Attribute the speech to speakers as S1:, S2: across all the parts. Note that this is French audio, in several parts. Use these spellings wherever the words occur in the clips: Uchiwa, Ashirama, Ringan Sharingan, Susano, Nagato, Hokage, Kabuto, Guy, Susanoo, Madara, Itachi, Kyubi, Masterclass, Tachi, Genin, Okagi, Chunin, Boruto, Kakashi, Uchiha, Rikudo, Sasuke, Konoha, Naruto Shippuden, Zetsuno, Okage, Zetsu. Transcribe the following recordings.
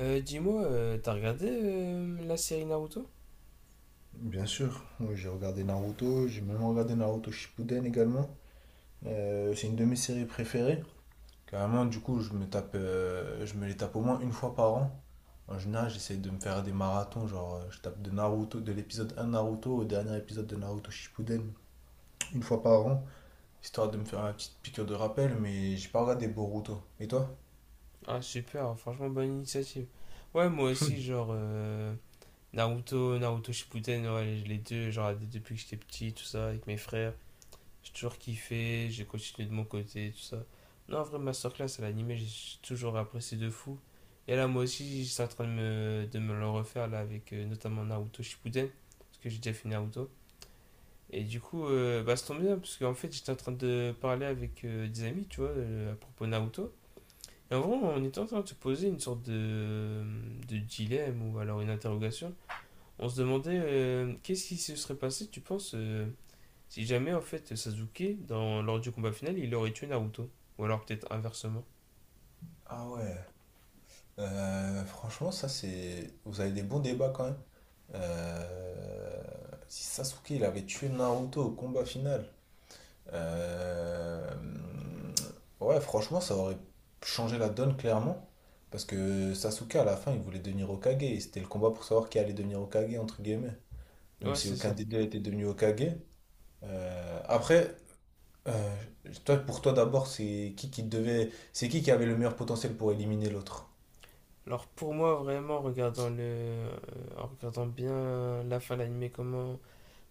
S1: Dis-moi, t'as regardé la série Naruto?
S2: Bien sûr, oui, j'ai regardé Naruto, j'ai même regardé Naruto Shippuden également. C'est une de mes séries préférées. Carrément, du coup, je me les tape au moins une fois par an. En général, j'essaie de me faire des marathons, genre je tape de Naruto, de l'épisode 1 Naruto au dernier épisode de Naruto Shippuden, une fois par an, histoire de me faire une petite piqûre de rappel, mais j'ai pas regardé Boruto. Et toi?
S1: Ah super, franchement bonne initiative. Ouais moi aussi genre Naruto, Naruto Shippuden, ouais, les deux, genre depuis que j'étais petit, tout ça, avec mes frères, j'ai toujours kiffé, j'ai continué de mon côté, tout ça. Non en vrai Masterclass à l'animé, j'ai toujours apprécié de fou. Et là moi aussi j'étais en train de de me le refaire là avec notamment Naruto Shippuden, parce que j'ai déjà fait Naruto. Et du coup, bah, ça tombe bien, parce qu'en fait, j'étais en train de parler avec des amis, tu vois, à propos Naruto. Et en vrai, on était en train de se poser une sorte de dilemme ou alors une interrogation. On se demandait qu'est-ce qui se serait passé, tu penses, si jamais en fait Sasuke, dans, lors du combat final, il aurait tué Naruto. Ou alors peut-être inversement.
S2: Ah ouais. Franchement, ça c'est. Vous avez des bons débats quand même. Euh, Si Sasuke il avait tué Naruto au combat final. euh, Ouais, franchement, ça aurait changé la donne clairement. Parce que Sasuke à la fin il voulait devenir Hokage. Et c'était le combat pour savoir qui allait devenir Hokage entre guillemets. Même
S1: Ouais,
S2: si
S1: c'est
S2: aucun
S1: ça.
S2: des deux était devenu Hokage. Après, euh, toi, pour toi d'abord, c'est qui devait. C'est qui avait le meilleur potentiel pour éliminer l'autre?
S1: Alors pour moi, vraiment, en regardant, en regardant bien la fin de l'anime,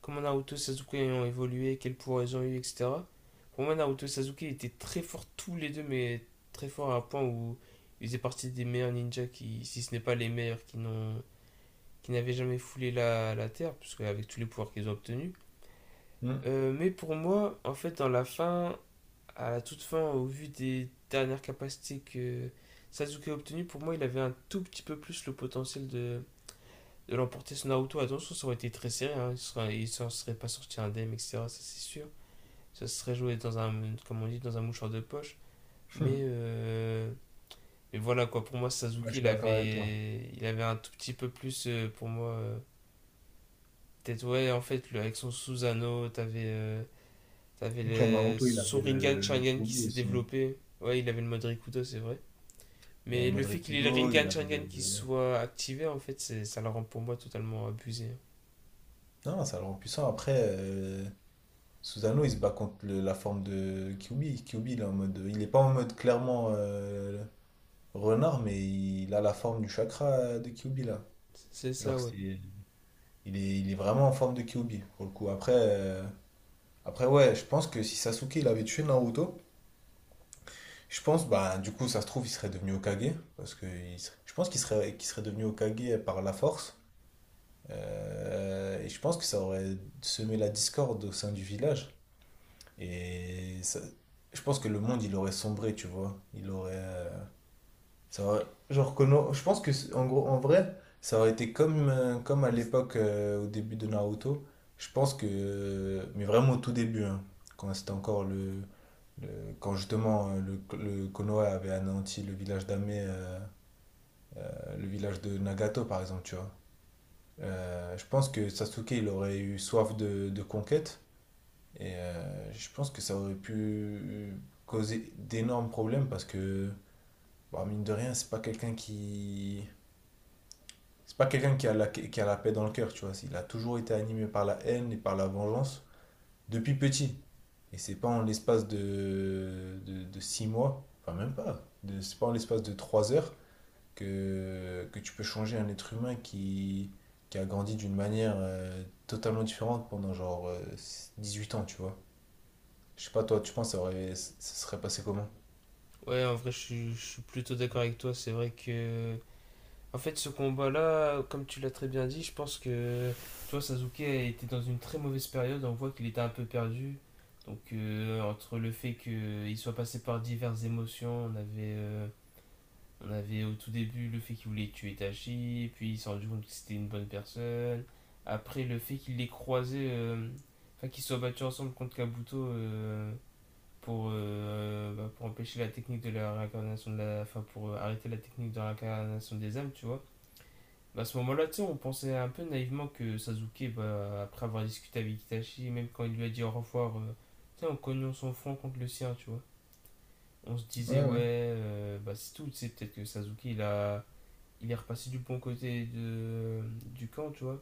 S1: comment Naruto et Sasuke ont évolué, quels pouvoirs ils ont eu, etc. Pour moi, Naruto et Sasuke étaient très forts tous les deux, mais très forts à un point où ils faisaient partie des meilleurs ninjas qui, si ce n'est pas les meilleurs, qui n'avaient jamais foulé la terre, puisque avec tous les pouvoirs qu'ils ont obtenus. Mais pour moi, en fait, dans la fin, à la toute fin, au vu des dernières capacités que Sasuke a obtenues, pour moi, il avait un tout petit peu plus le potentiel de l'emporter sur Naruto. Attention, ça aurait été très serré. Hein. Il s'en serait pas sorti indemne, etc. Ça, c'est sûr. Ça serait joué dans un, comme on dit, dans un mouchoir de poche.
S2: Hmm.
S1: Mais, euh, mais voilà, quoi. Pour moi, Sasuke, il avait un tout petit peu plus, pour moi. Peut-être, ouais, en fait, le, avec son Susano, t'avais avais
S2: Il
S1: son
S2: avait
S1: Ringan
S2: le
S1: Sharingan qui
S2: Pioli
S1: s'est
S2: aussi.
S1: développé. Ouais, il avait le mode Rikudo, c'est vrai.
S2: Il avait
S1: Mais le fait qu'il ait le
S2: Modric-Kudo, il
S1: Ringan
S2: avait
S1: Sharingan
S2: le...
S1: qui
S2: le-
S1: soit activé, en fait, ça le rend pour moi totalement abusé, hein.
S2: Non, ça le rend puissant. Après, susano, il se bat contre la forme de Kyubi. Kyubi, il est en mode, il est pas en mode clairement renard, mais il a la forme du chakra de Kyubi là.
S1: C'est ça,
S2: Genre,
S1: ouais.
S2: c'est, il est vraiment en forme de Kyubi pour le coup. Après ouais, je pense que si Sasuke il avait tué Naruto, je pense, bah, du coup, ça se trouve, il serait devenu Hokage parce que il serait- je pense qu'il serait devenu Hokage par la force. Et je pense que ça aurait semé la discorde au sein du village. Et ça- je pense que le monde, il aurait sombré, tu vois. Il aurait. Ça aurait- genre, que non- Je pense que, en gros, en vrai, ça aurait été comme à l'époque, au début de Naruto. Je pense que. Mais vraiment au tout début, hein, quand c'était encore le. Quand justement le Konoha avait anéanti le village d'Ame, le village de Nagato par exemple, tu vois. Je pense que Sasuke, il aurait eu soif de conquête. Et je pense que ça aurait pu causer d'énormes problèmes parce que, bah, mine de rien, C'est pas quelqu'un qui a la paix dans le cœur, tu vois. Il a toujours été animé par la haine et par la vengeance depuis petit. Et c'est pas en l'espace de six mois, enfin même pas, c'est pas en l'espace de trois heures que tu peux changer un être humain qui a grandi d'une manière totalement différente pendant genre huit ans, tu vois. Je sais pas, toi, tu penses que ça serait passé comment?
S1: Ouais, en vrai, je suis plutôt d'accord avec toi. C'est vrai que, en fait, ce combat-là, comme tu l'as très bien dit, je pense que, tu vois, Sasuke était dans une très mauvaise période. On voit qu'il était un peu perdu. Donc, entre le fait qu'il soit passé par diverses émotions, on avait au tout début le fait qu'il voulait tuer Tachi, puis il s'est rendu compte que c'était une bonne personne. Après, le fait qu'il les croisé, enfin, qu'ils soient battus ensemble contre Kabuto, bah, pour empêcher la technique de la réincarnation de la... Enfin, pour arrêter la technique de la réincarnation des âmes, tu vois. Bah, à ce moment-là, tu sais, on pensait un peu naïvement que Sasuke, bah, après avoir discuté avec Itachi, même quand il lui a dit au revoir, tu sais, en cognant son front contre le sien, tu vois. On se
S2: Ouais,
S1: disait, ouais,
S2: ouais.
S1: bah, c'est tout, tu sais, peut-être que Sasuke, il a... Il est repassé du bon côté de, du camp, tu vois.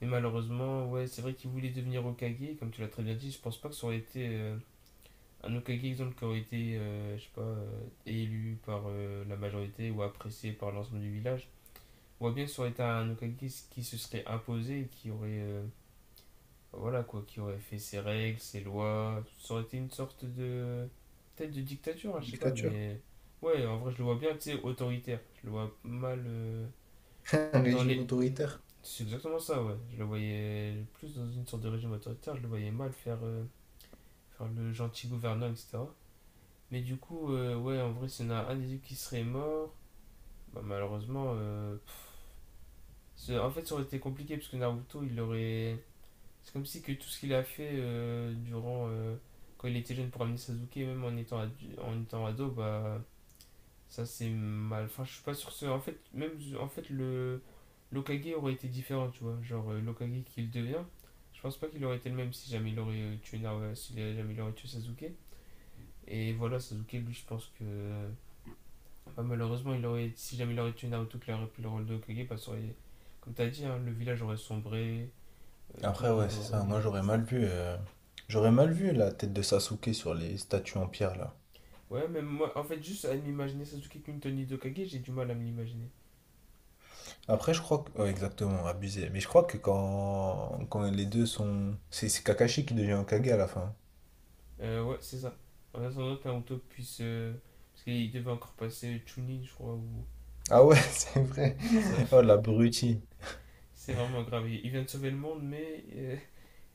S1: Mais malheureusement, ouais, c'est vrai qu'il voulait devenir Okage, comme tu l'as très bien dit, je pense pas que ça aurait été un autre cas exemple qui aurait été, je sais pas, élu par la majorité ou apprécié par l'ensemble du village, on voit bien que ça aurait été un Okagi qui se serait imposé, qui aurait, voilà quoi, qui aurait fait ses règles, ses lois. Ça aurait été une sorte de, peut-être de dictature, hein, je sais pas,
S2: Dictature.
S1: mais ouais, en vrai, je le vois bien, tu sais, autoritaire. Je le vois mal
S2: Un
S1: dans
S2: régime
S1: les.
S2: autoritaire.
S1: C'est exactement ça, ouais. Je le voyais plus dans une sorte de régime autoritaire, je le voyais mal faire, faire le gentil gouverneur, etc. Mais du coup, ouais, en vrai, s'il y en a un des deux qui serait mort, bah, malheureusement, c'est- en fait, ça aurait été compliqué parce que Naruto, il aurait. C'est comme si que tout ce qu'il a fait durant. Quand il était jeune pour amener Sasuke, même en étant, en étant ado, bah. Ça, c'est mal. Enfin, je suis pas sûr que. En fait, même. En fait, le. L'Okage aurait été différent, tu vois. Genre, l'Okage qu'il devient, je pense pas qu'il aurait été le même si jamais il aurait tué, Naruto si jamais il aurait tué Sasuke. Et voilà, Sasuke, lui, je pense que. Bah, malheureusement, si jamais il aurait tué Naruto, qu'il aurait pris le rôle de Hokage, bah, ça aurait- comme t'as dit, hein, le village aurait sombré, tout le
S2: Après, ouais,
S1: monde
S2: c'est
S1: aurait.
S2: ça. Moi, j'aurais mal vu la tête de Sasuke sur les statues en pierre, là.
S1: Ouais, même moi, en fait, juste à m'imaginer Sasuke comme de Hokage, j'ai du mal à me l'imaginer.
S2: Après, je crois que... ouais, exactement, abusé. Mais je crois que quand les deux sont... c'est Kakashi qui devient Hokage à la fin.
S1: Ouais, c'est ça. En attendant que Naruto puisse, parce qu'il devait encore passer Chunin, je crois, ou.
S2: Ah ouais, c'est vrai.
S1: C'est ça.
S2: Oh, l'abruti.
S1: C'est vraiment grave. Il vient de sauver le monde, mais,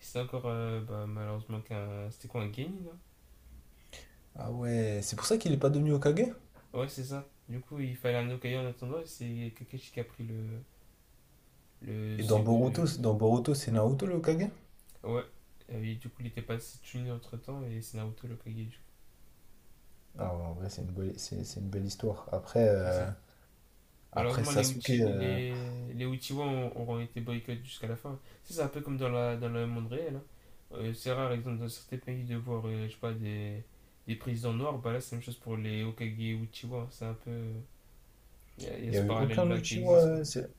S1: c'est encore, bah, malheureusement, qu'un. C'était quoi, un Genin, hein.
S2: Ah ouais, c'est pour ça qu'il est pas devenu Hokage?
S1: Ouais, c'est ça. Du coup, il fallait un Hokage en attendant, et c'est Kakashi qui a pris le le,
S2: Et dans
S1: sup- euh,
S2: Boruto, dans Boruto, c'est Naruto le Hokage?
S1: Ouais, et du coup, il était passé Chunin entre temps et c'est Naruto le Kage, du coup,
S2: Ah ouais, en vrai, c'est une belle histoire. Après,
S1: c'est
S2: euh,
S1: ça.
S2: après
S1: Malheureusement,
S2: Sasuke, il
S1: Les Uchiwa auront été boycottés jusqu'à la fin. Tu C'est un peu comme dans, la, dans le monde réel, hein. C'est rare, par exemple, dans certains pays de voir, je sais pas, des présidents noirs. Bah là, c'est la même chose pour les Okage Uchiwa, hein. C'est un peu. Y a
S2: n'y
S1: ce
S2: a eu aucun
S1: parallèle-là qui
S2: Uchiwa.
S1: existe, quoi.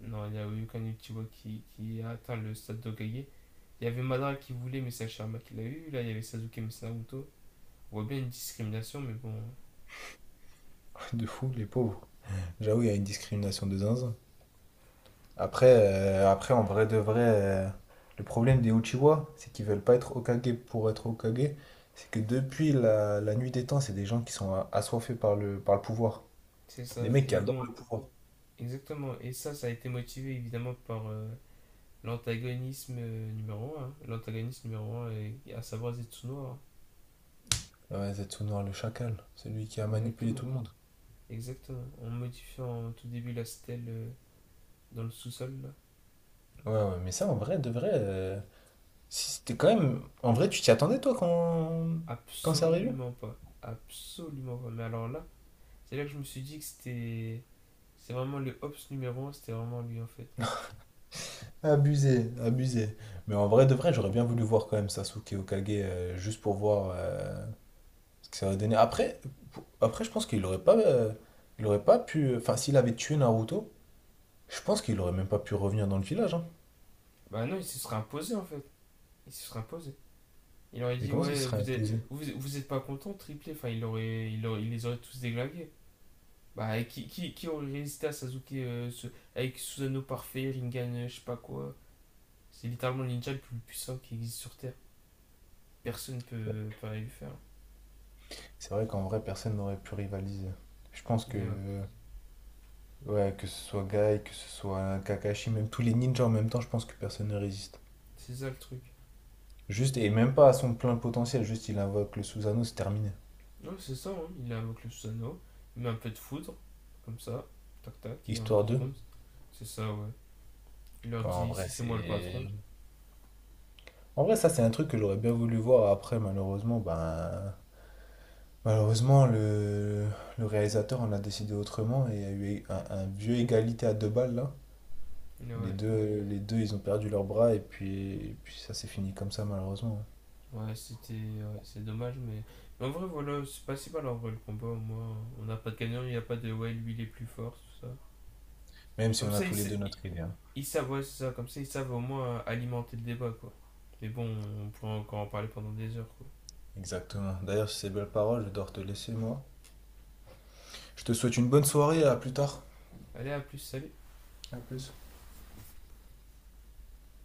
S1: Non, il y a eu aucun Uchiwa qui a atteint le stade d'Okage. Il y avait Madara qui voulait, mais c'est Ashirama qui l'a eu. Là, il y avait Sasuke, mais c'est Naruto. On voit bien une discrimination, mais bon,
S2: De fou, les pauvres. J'avoue, il y a une discrimination de zinzin. Après en vrai de vrai, le problème des Uchiwa, c'est qu'ils veulent pas être Hokage pour être Hokage. C'est que depuis la nuit des temps, c'est des gens qui sont assoiffés par par le pouvoir.
S1: c'est
S2: Des
S1: ça.
S2: mecs qui
S1: Et
S2: adorent
S1: bon,
S2: le pouvoir.
S1: exactement. Et ça a été motivé évidemment par l'antagonisme numéro un, hein. L'antagonisme numéro un est, à savoir Zetsuno, hein.
S2: Ouais, Zetsunor le chacal, celui qui a manipulé
S1: Exactement.
S2: tout le monde.
S1: Exactement. En modifiant au tout début la stèle dans le sous-sol, là.
S2: Ouais, ouais, mais ça en vrai, de vrai, si c'était quand même. En vrai, tu t'y attendais toi quand. Quand c'est arrivé?
S1: Absolument pas. Absolument pas. Mais alors là, c'est là que je me suis dit que c'était. C'est vraiment le Hobbs numéro un, c'était vraiment lui en fait.
S2: Abusé, abusé. Mais en vrai, de vrai, j'aurais bien voulu voir quand même Sasuke Hokage juste pour voir ce que ça aurait donné. Après, après je pense qu'il aurait pas. Il aurait pas pu. Enfin, s'il avait tué Naruto, je pense qu'il aurait même pas pu revenir dans le village, hein.
S1: Bah non, il se serait imposé en fait. Il se serait imposé. Il aurait
S2: Mais
S1: dit,
S2: comment ça, il se
S1: ouais,
S2: serait
S1: vous êtes,
S2: imposé?
S1: vous êtes pas content, triplé. Enfin, il les aurait tous déglingués. Bah, et qui aurait résisté à Sasuke ce- avec Susanoo parfait, Ringan, je sais pas quoi. C'est littéralement le ninja le plus puissant qui existe sur Terre. Personne peut lui faire.
S2: C'est vrai qu'en vrai, personne n'aurait pu rivaliser. Je pense que.
S1: Et ouais,
S2: Ouais, que ce soit Guy, que ce soit Kakashi, même tous les ninjas en même temps, je pense que personne ne résiste.
S1: c'est ça le truc.
S2: Juste, et même pas à son plein potentiel, juste il invoque le Susanoo, c'est terminé.
S1: Non, c'est ça, hein. Il invoque le Susanoo, il met un peu de foudre, comme ça, tac tac, et en
S2: Histoire
S1: deux
S2: 2.
S1: secondes. C'est ça, ouais. Il leur
S2: En
S1: dit
S2: vrai,
S1: ici c'est moi le
S2: c'est.
S1: patron.
S2: En vrai, ça, c'est un truc que j'aurais bien voulu voir après, malheureusement, ben. Malheureusement, le réalisateur en a décidé autrement et il y a eu un vieux égalité à deux balles là.
S1: Et ouais,
S2: Les deux, ils ont perdu leurs bras et puis ça s'est fini comme ça, malheureusement.
S1: c'est dommage, mais. Mais en vrai, voilà, c'est pas si mal en vrai le combat. Moi, on n'a pas de gagnant, il n'y a pas de ouais, lui il est plus fort, tout ça.
S2: Même si
S1: Comme
S2: on a
S1: ça, il
S2: tous les deux notre idée. Hein.
S1: Ils savent, ouais, c'est ça, comme ça, ils savent au moins alimenter le débat, quoi. Mais bon, on pourrait encore en parler pendant des heures, quoi.
S2: Exactement. D'ailleurs, sur ces belles paroles, je dois te laisser, moi. Je te souhaite une bonne soirée, à plus tard.
S1: Allez, à plus, salut!
S2: À plus.